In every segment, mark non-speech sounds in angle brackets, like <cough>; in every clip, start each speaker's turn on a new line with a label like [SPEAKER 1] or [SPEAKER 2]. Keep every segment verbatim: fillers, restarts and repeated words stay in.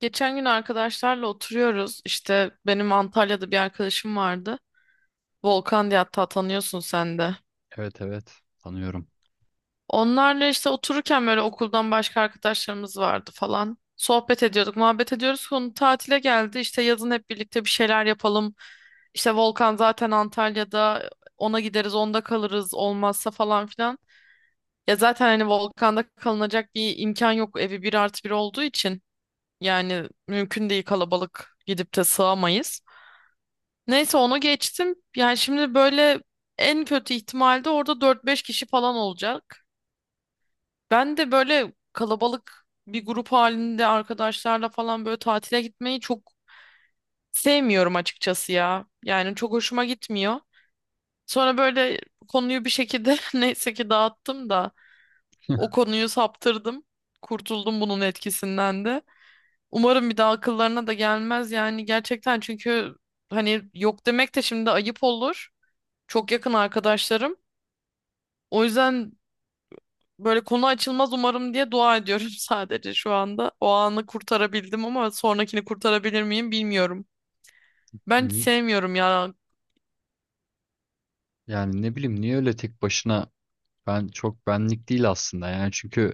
[SPEAKER 1] Geçen gün arkadaşlarla oturuyoruz. İşte benim Antalya'da bir arkadaşım vardı. Volkan diye hatta tanıyorsun sen de.
[SPEAKER 2] Evet, evet, tanıyorum.
[SPEAKER 1] Onlarla işte otururken böyle okuldan başka arkadaşlarımız vardı falan. Sohbet ediyorduk, muhabbet ediyoruz. Konu tatile geldi. İşte yazın hep birlikte bir şeyler yapalım. İşte Volkan zaten Antalya'da. Ona gideriz, onda kalırız olmazsa falan filan. Ya zaten hani Volkan'da kalınacak bir imkan yok. Evi bir artı bir olduğu için. Yani mümkün değil kalabalık gidip de sığamayız. Neyse onu geçtim. Yani şimdi böyle en kötü ihtimalde orada dört beş kişi falan olacak. Ben de böyle kalabalık bir grup halinde arkadaşlarla falan böyle tatile gitmeyi çok sevmiyorum açıkçası ya. Yani çok hoşuma gitmiyor. Sonra böyle konuyu bir şekilde <laughs> neyse ki dağıttım da o
[SPEAKER 2] <laughs>
[SPEAKER 1] konuyu saptırdım. Kurtuldum bunun etkisinden de. Umarım bir daha akıllarına da gelmez yani gerçekten çünkü hani yok demek de şimdi ayıp olur. Çok yakın arkadaşlarım. O yüzden böyle konu açılmaz umarım diye dua ediyorum <laughs> sadece şu anda. O anı kurtarabildim ama sonrakini kurtarabilir miyim bilmiyorum. Ben hiç
[SPEAKER 2] Ni
[SPEAKER 1] sevmiyorum ya.
[SPEAKER 2] Yani ne bileyim niye öyle tek başına ben çok benlik değil aslında yani çünkü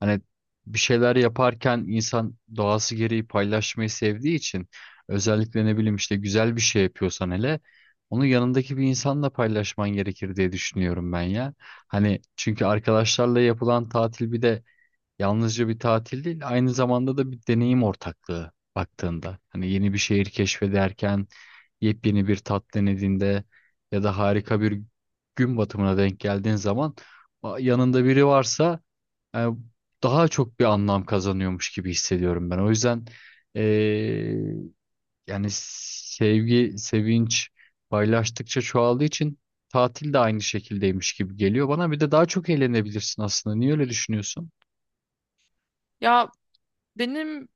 [SPEAKER 2] hani bir şeyler yaparken insan doğası gereği paylaşmayı sevdiği için özellikle ne bileyim işte güzel bir şey yapıyorsan hele onu yanındaki bir insanla paylaşman gerekir diye düşünüyorum ben ya. Hani çünkü arkadaşlarla yapılan tatil bir de yalnızca bir tatil değil, aynı zamanda da bir deneyim ortaklığı baktığında. Hani yeni bir şehir keşfederken, yepyeni bir tat denediğinde ya da harika bir gün batımına denk geldiğin zaman a- yanında biri varsa e, daha çok bir anlam kazanıyormuş gibi hissediyorum ben. O yüzden e, yani sevgi, sevinç paylaştıkça çoğaldığı için tatil de aynı şekildeymiş gibi geliyor bana. Bir de daha çok eğlenebilirsin aslında. Niye öyle düşünüyorsun?
[SPEAKER 1] Ya benim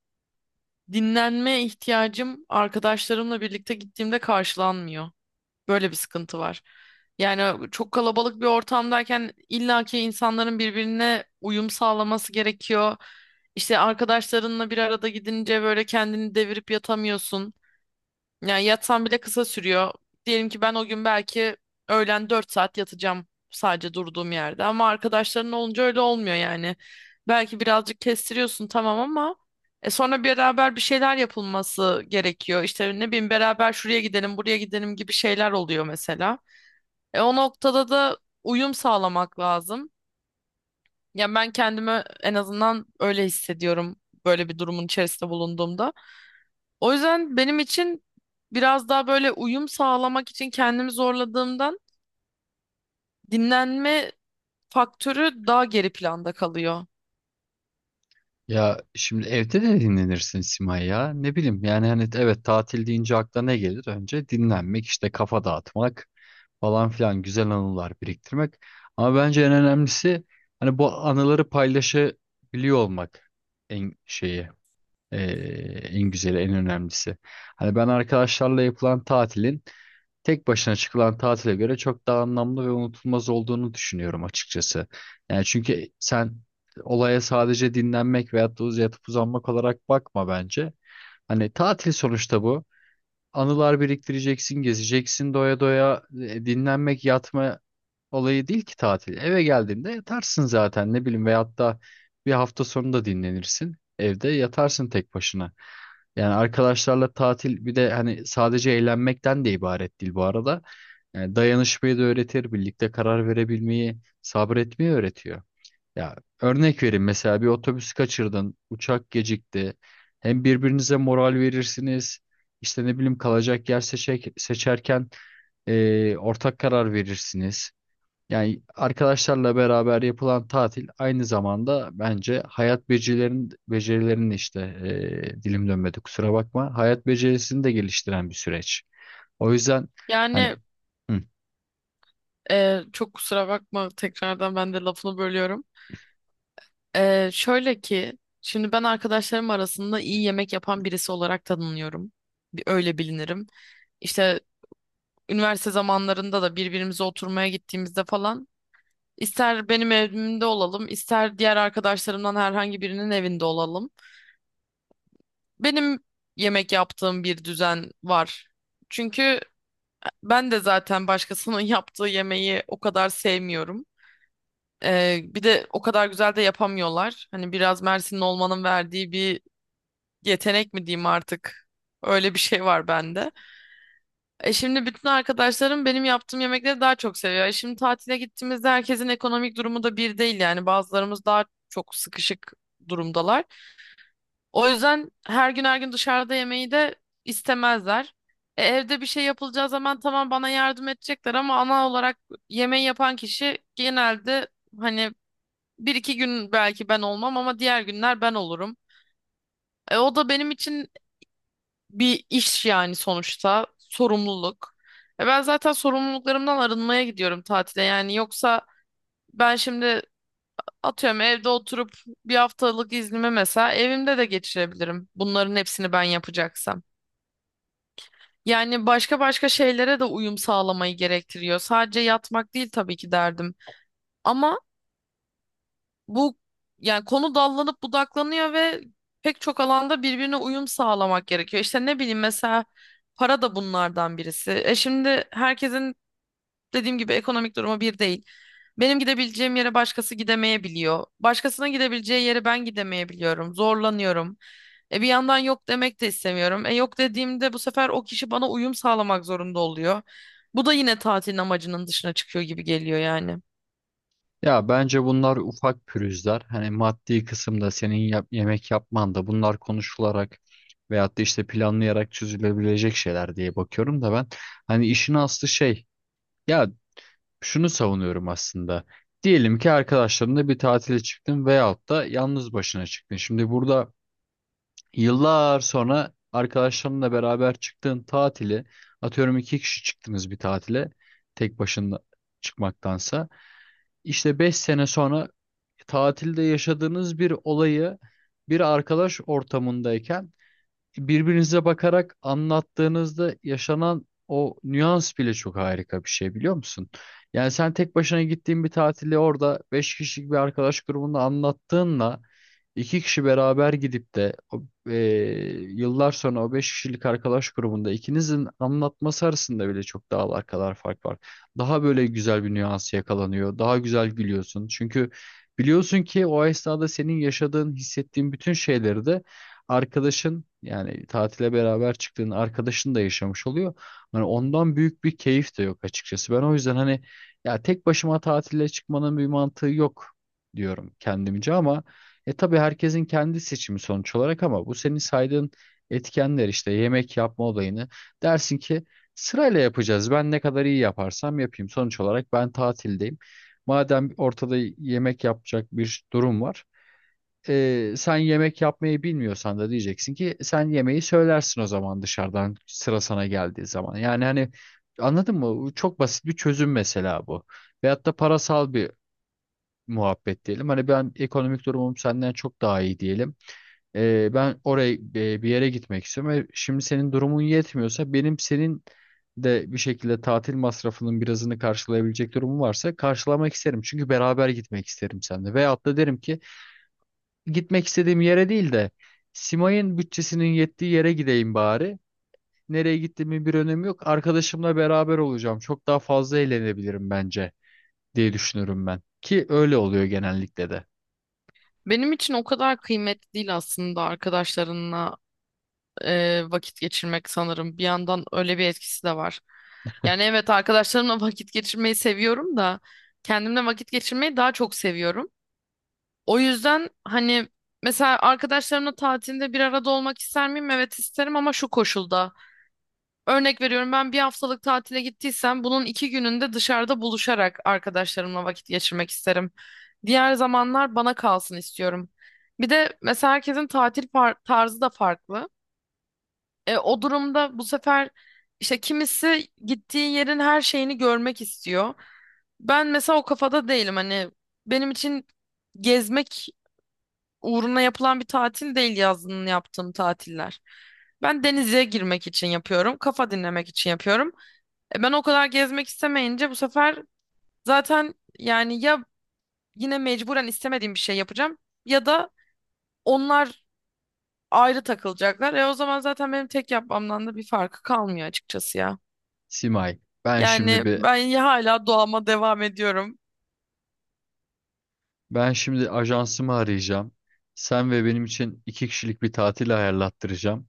[SPEAKER 1] dinlenme ihtiyacım arkadaşlarımla birlikte gittiğimde karşılanmıyor. Böyle bir sıkıntı var. Yani çok kalabalık bir ortamdayken illaki insanların birbirine uyum sağlaması gerekiyor. İşte arkadaşlarınla bir arada gidince böyle kendini devirip yatamıyorsun. Yani yatsam bile kısa sürüyor. Diyelim ki ben o gün belki öğlen dört saat yatacağım sadece durduğum yerde. Ama arkadaşların olunca öyle olmuyor yani. Belki birazcık kestiriyorsun tamam ama e sonra beraber bir şeyler yapılması gerekiyor. İşte ne bileyim beraber şuraya gidelim, buraya gidelim gibi şeyler oluyor mesela. E o noktada da uyum sağlamak lazım. Ya ben kendimi en azından öyle hissediyorum böyle bir durumun içerisinde bulunduğumda. O yüzden benim için biraz daha böyle uyum sağlamak için kendimi zorladığımdan dinlenme faktörü daha geri planda kalıyor.
[SPEAKER 2] Ya şimdi evde de dinlenirsin Simay ya. Ne bileyim yani hani evet tatil deyince akla ne gelir? Önce dinlenmek işte kafa dağıtmak falan filan güzel anılar biriktirmek. Ama bence en önemlisi hani bu anıları paylaşabiliyor olmak en şeyi eee, en güzeli en önemlisi. Hani ben arkadaşlarla yapılan tatilin tek başına çıkılan tatile göre çok daha anlamlı ve unutulmaz olduğunu düşünüyorum açıkçası. Yani çünkü sen olaya sadece dinlenmek veyahut da uz- yatıp uzanmak olarak bakma bence. Hani tatil sonuçta bu. Anılar biriktireceksin, gezeceksin doya doya. E, Dinlenmek, yatma olayı değil ki tatil. Eve geldiğinde yatarsın zaten ne bileyim veyahut da bir hafta sonu da dinlenirsin. Evde yatarsın tek başına. Yani arkadaşlarla tatil bir de hani sadece eğlenmekten de ibaret değil bu arada. Yani dayanışmayı da öğretir, birlikte karar verebilmeyi, sabretmeyi öğretiyor. Ya örnek vereyim mesela bir otobüs kaçırdın, uçak gecikti. Hem birbirinize moral verirsiniz. İşte ne bileyim kalacak yer seçek, seçerken e, ortak karar verirsiniz. Yani arkadaşlarla beraber yapılan tatil aynı zamanda bence hayat becerilerin becerilerin işte e, dilim dönmedi kusura bakma. Hayat becerisini de geliştiren bir süreç. O yüzden hani
[SPEAKER 1] Yani
[SPEAKER 2] hı.
[SPEAKER 1] e, çok kusura bakma tekrardan ben de lafını bölüyorum. E, şöyle ki şimdi ben arkadaşlarım arasında iyi yemek yapan birisi olarak tanınıyorum. Bir- Öyle bilinirim. İşte üniversite zamanlarında da birbirimize oturmaya gittiğimizde falan ister benim evimde olalım, ister diğer arkadaşlarımdan herhangi birinin evinde olalım. Benim yemek yaptığım bir düzen var. Çünkü ben de zaten başkasının <laughs> yaptığı yemeği o kadar sevmiyorum. Ee, bir de o kadar güzel de yapamıyorlar. Hani biraz Mersinli olmanın verdiği bir yetenek mi diyeyim artık. Öyle bir şey var bende. E şimdi bütün arkadaşlarım benim yaptığım yemekleri daha çok seviyor. E şimdi tatile gittiğimizde herkesin ekonomik durumu da bir değil yani. Bazılarımız daha çok sıkışık durumdalar. O yüzden her gün her gün dışarıda yemeği de istemezler. E evde bir şey yapılacağı zaman tamam bana yardım edecekler ama ana olarak yemeği yapan kişi genelde hani bir iki gün belki ben olmam ama diğer günler ben olurum. E o da benim için bir iş yani sonuçta sorumluluk. E ben zaten sorumluluklarımdan arınmaya gidiyorum tatile yani yoksa ben şimdi atıyorum evde oturup bir haftalık iznimi mesela evimde de geçirebilirim. Bunların hepsini ben yapacaksam. Yani başka başka şeylere de uyum sağlamayı gerektiriyor. Sadece yatmak değil tabii ki derdim. Ama bu yani konu dallanıp budaklanıyor ve pek çok alanda birbirine uyum sağlamak gerekiyor. İşte ne bileyim mesela para da bunlardan birisi. E şimdi herkesin dediğim gibi ekonomik durumu bir değil. Benim gidebileceğim yere başkası gidemeyebiliyor. Başkasına gidebileceği yere ben gidemeyebiliyorum. Zorlanıyorum. E bir yandan yok demek de istemiyorum. E yok dediğimde bu sefer o kişi bana uyum sağlamak zorunda oluyor. Bu da yine tatilin amacının dışına çıkıyor gibi geliyor yani.
[SPEAKER 2] Ya bence bunlar ufak pürüzler. Hani maddi kısımda senin yap- yemek yapman da bunlar konuşularak veyahut da işte planlayarak çözülebilecek şeyler diye bakıyorum da ben hani işin aslı şey ya şunu savunuyorum aslında. Diyelim ki arkadaşlarınla bir tatile çıktın veyahut da yalnız başına çıktın. Şimdi burada yıllar sonra arkadaşlarınla beraber çıktığın tatili atıyorum iki kişi çıktınız bir tatile tek başına çıkmaktansa. İşte beş sene sonra tatilde yaşadığınız bir olayı bir arkadaş ortamındayken birbirinize bakarak anlattığınızda yaşanan o nüans bile çok harika bir şey biliyor musun? Yani sen tek başına gittiğin bir tatili orada beş kişilik bir arkadaş grubunda anlattığınla iki kişi beraber gidip de o, e, yıllar sonra o beş kişilik arkadaş grubunda ikinizin anlatması arasında bile çok dağlar kadar fark var. Daha böyle güzel bir nüans yakalanıyor. Daha güzel gülüyorsun. Çünkü biliyorsun ki o esnada senin yaşadığın, hissettiğin bütün şeyleri de arkadaşın yani tatile beraber çıktığın arkadaşın da yaşamış oluyor. Hani ondan büyük bir keyif de yok açıkçası. Ben o yüzden hani ya tek başıma tatile çıkmanın bir mantığı yok diyorum kendimce ama e tabii herkesin kendi seçimi sonuç olarak ama bu senin saydığın etkenler işte yemek yapma olayını dersin ki sırayla yapacağız. Ben ne kadar iyi yaparsam yapayım. Sonuç olarak ben tatildeyim. Madem ortada yemek yapacak bir durum var e, sen yemek yapmayı bilmiyorsan da diyeceksin ki sen yemeği söylersin o zaman dışarıdan sıra sana geldiği zaman. Yani hani anladın mı? Bu çok basit bir çözüm mesela bu. Veyahut da parasal bir muhabbet diyelim. Hani ben ekonomik durumum senden çok daha iyi diyelim. E, ben oraya e, bir yere gitmek istiyorum ve şimdi senin durumun yetmiyorsa benim senin de bir şekilde tatil masrafının birazını karşılayabilecek durumum varsa karşılamak isterim. Çünkü beraber gitmek isterim seninle. Veyahut da derim ki gitmek istediğim yere değil de Simay'ın bütçesinin yettiği yere gideyim bari. Nereye gittiğimin bir önemi yok. Arkadaşımla beraber olacağım. Çok daha fazla eğlenebilirim bence diye düşünürüm ben. Ki öyle oluyor genellikle de.
[SPEAKER 1] Benim için o kadar kıymetli değil aslında arkadaşlarınla e, vakit geçirmek sanırım. Bir yandan öyle bir etkisi de var. Yani evet arkadaşlarımla <laughs> vakit geçirmeyi seviyorum da kendimle vakit geçirmeyi daha çok seviyorum. O yüzden hani mesela arkadaşlarımla tatilde bir arada olmak ister miyim? Evet isterim ama şu koşulda. Örnek veriyorum ben bir haftalık tatile gittiysem bunun iki gününde dışarıda buluşarak arkadaşlarımla vakit geçirmek isterim. Diğer zamanlar bana kalsın istiyorum. Bir de mesela herkesin tatil par- tarzı da farklı. E, o durumda bu sefer işte kimisi gittiği yerin her şeyini görmek istiyor. Ben mesela o kafada değilim hani benim için gezmek uğruna yapılan bir tatil değil yazın yaptığım tatiller. Ben denize girmek için yapıyorum, kafa dinlemek için yapıyorum. E, Ben o kadar gezmek istemeyince bu sefer zaten yani ya yine mecburen istemediğim bir şey yapacağım ya da onlar ayrı takılacaklar. E o zaman zaten benim tek yapmamdan da bir farkı kalmıyor açıkçası ya.
[SPEAKER 2] Simay, ben şimdi
[SPEAKER 1] Yani
[SPEAKER 2] bir
[SPEAKER 1] ben ya hala doğama devam ediyorum.
[SPEAKER 2] ben şimdi ajansımı arayacağım. Sen ve benim için iki kişilik bir tatil ayarlattıracağım.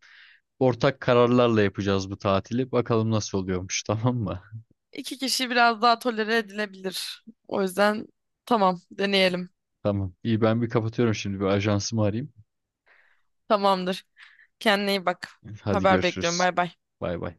[SPEAKER 2] Ortak kararlarla yapacağız bu tatili. Bakalım nasıl oluyormuş, tamam mı?
[SPEAKER 1] İki kişi biraz daha tolere edilebilir. O yüzden tamam deneyelim.
[SPEAKER 2] <laughs> Tamam. İyi ben bir kapatıyorum şimdi bir ajansımı arayayım.
[SPEAKER 1] Tamamdır. Kendine iyi bak.
[SPEAKER 2] Hadi
[SPEAKER 1] Haber bekliyorum.
[SPEAKER 2] görüşürüz.
[SPEAKER 1] Bay bay.
[SPEAKER 2] Bay bay.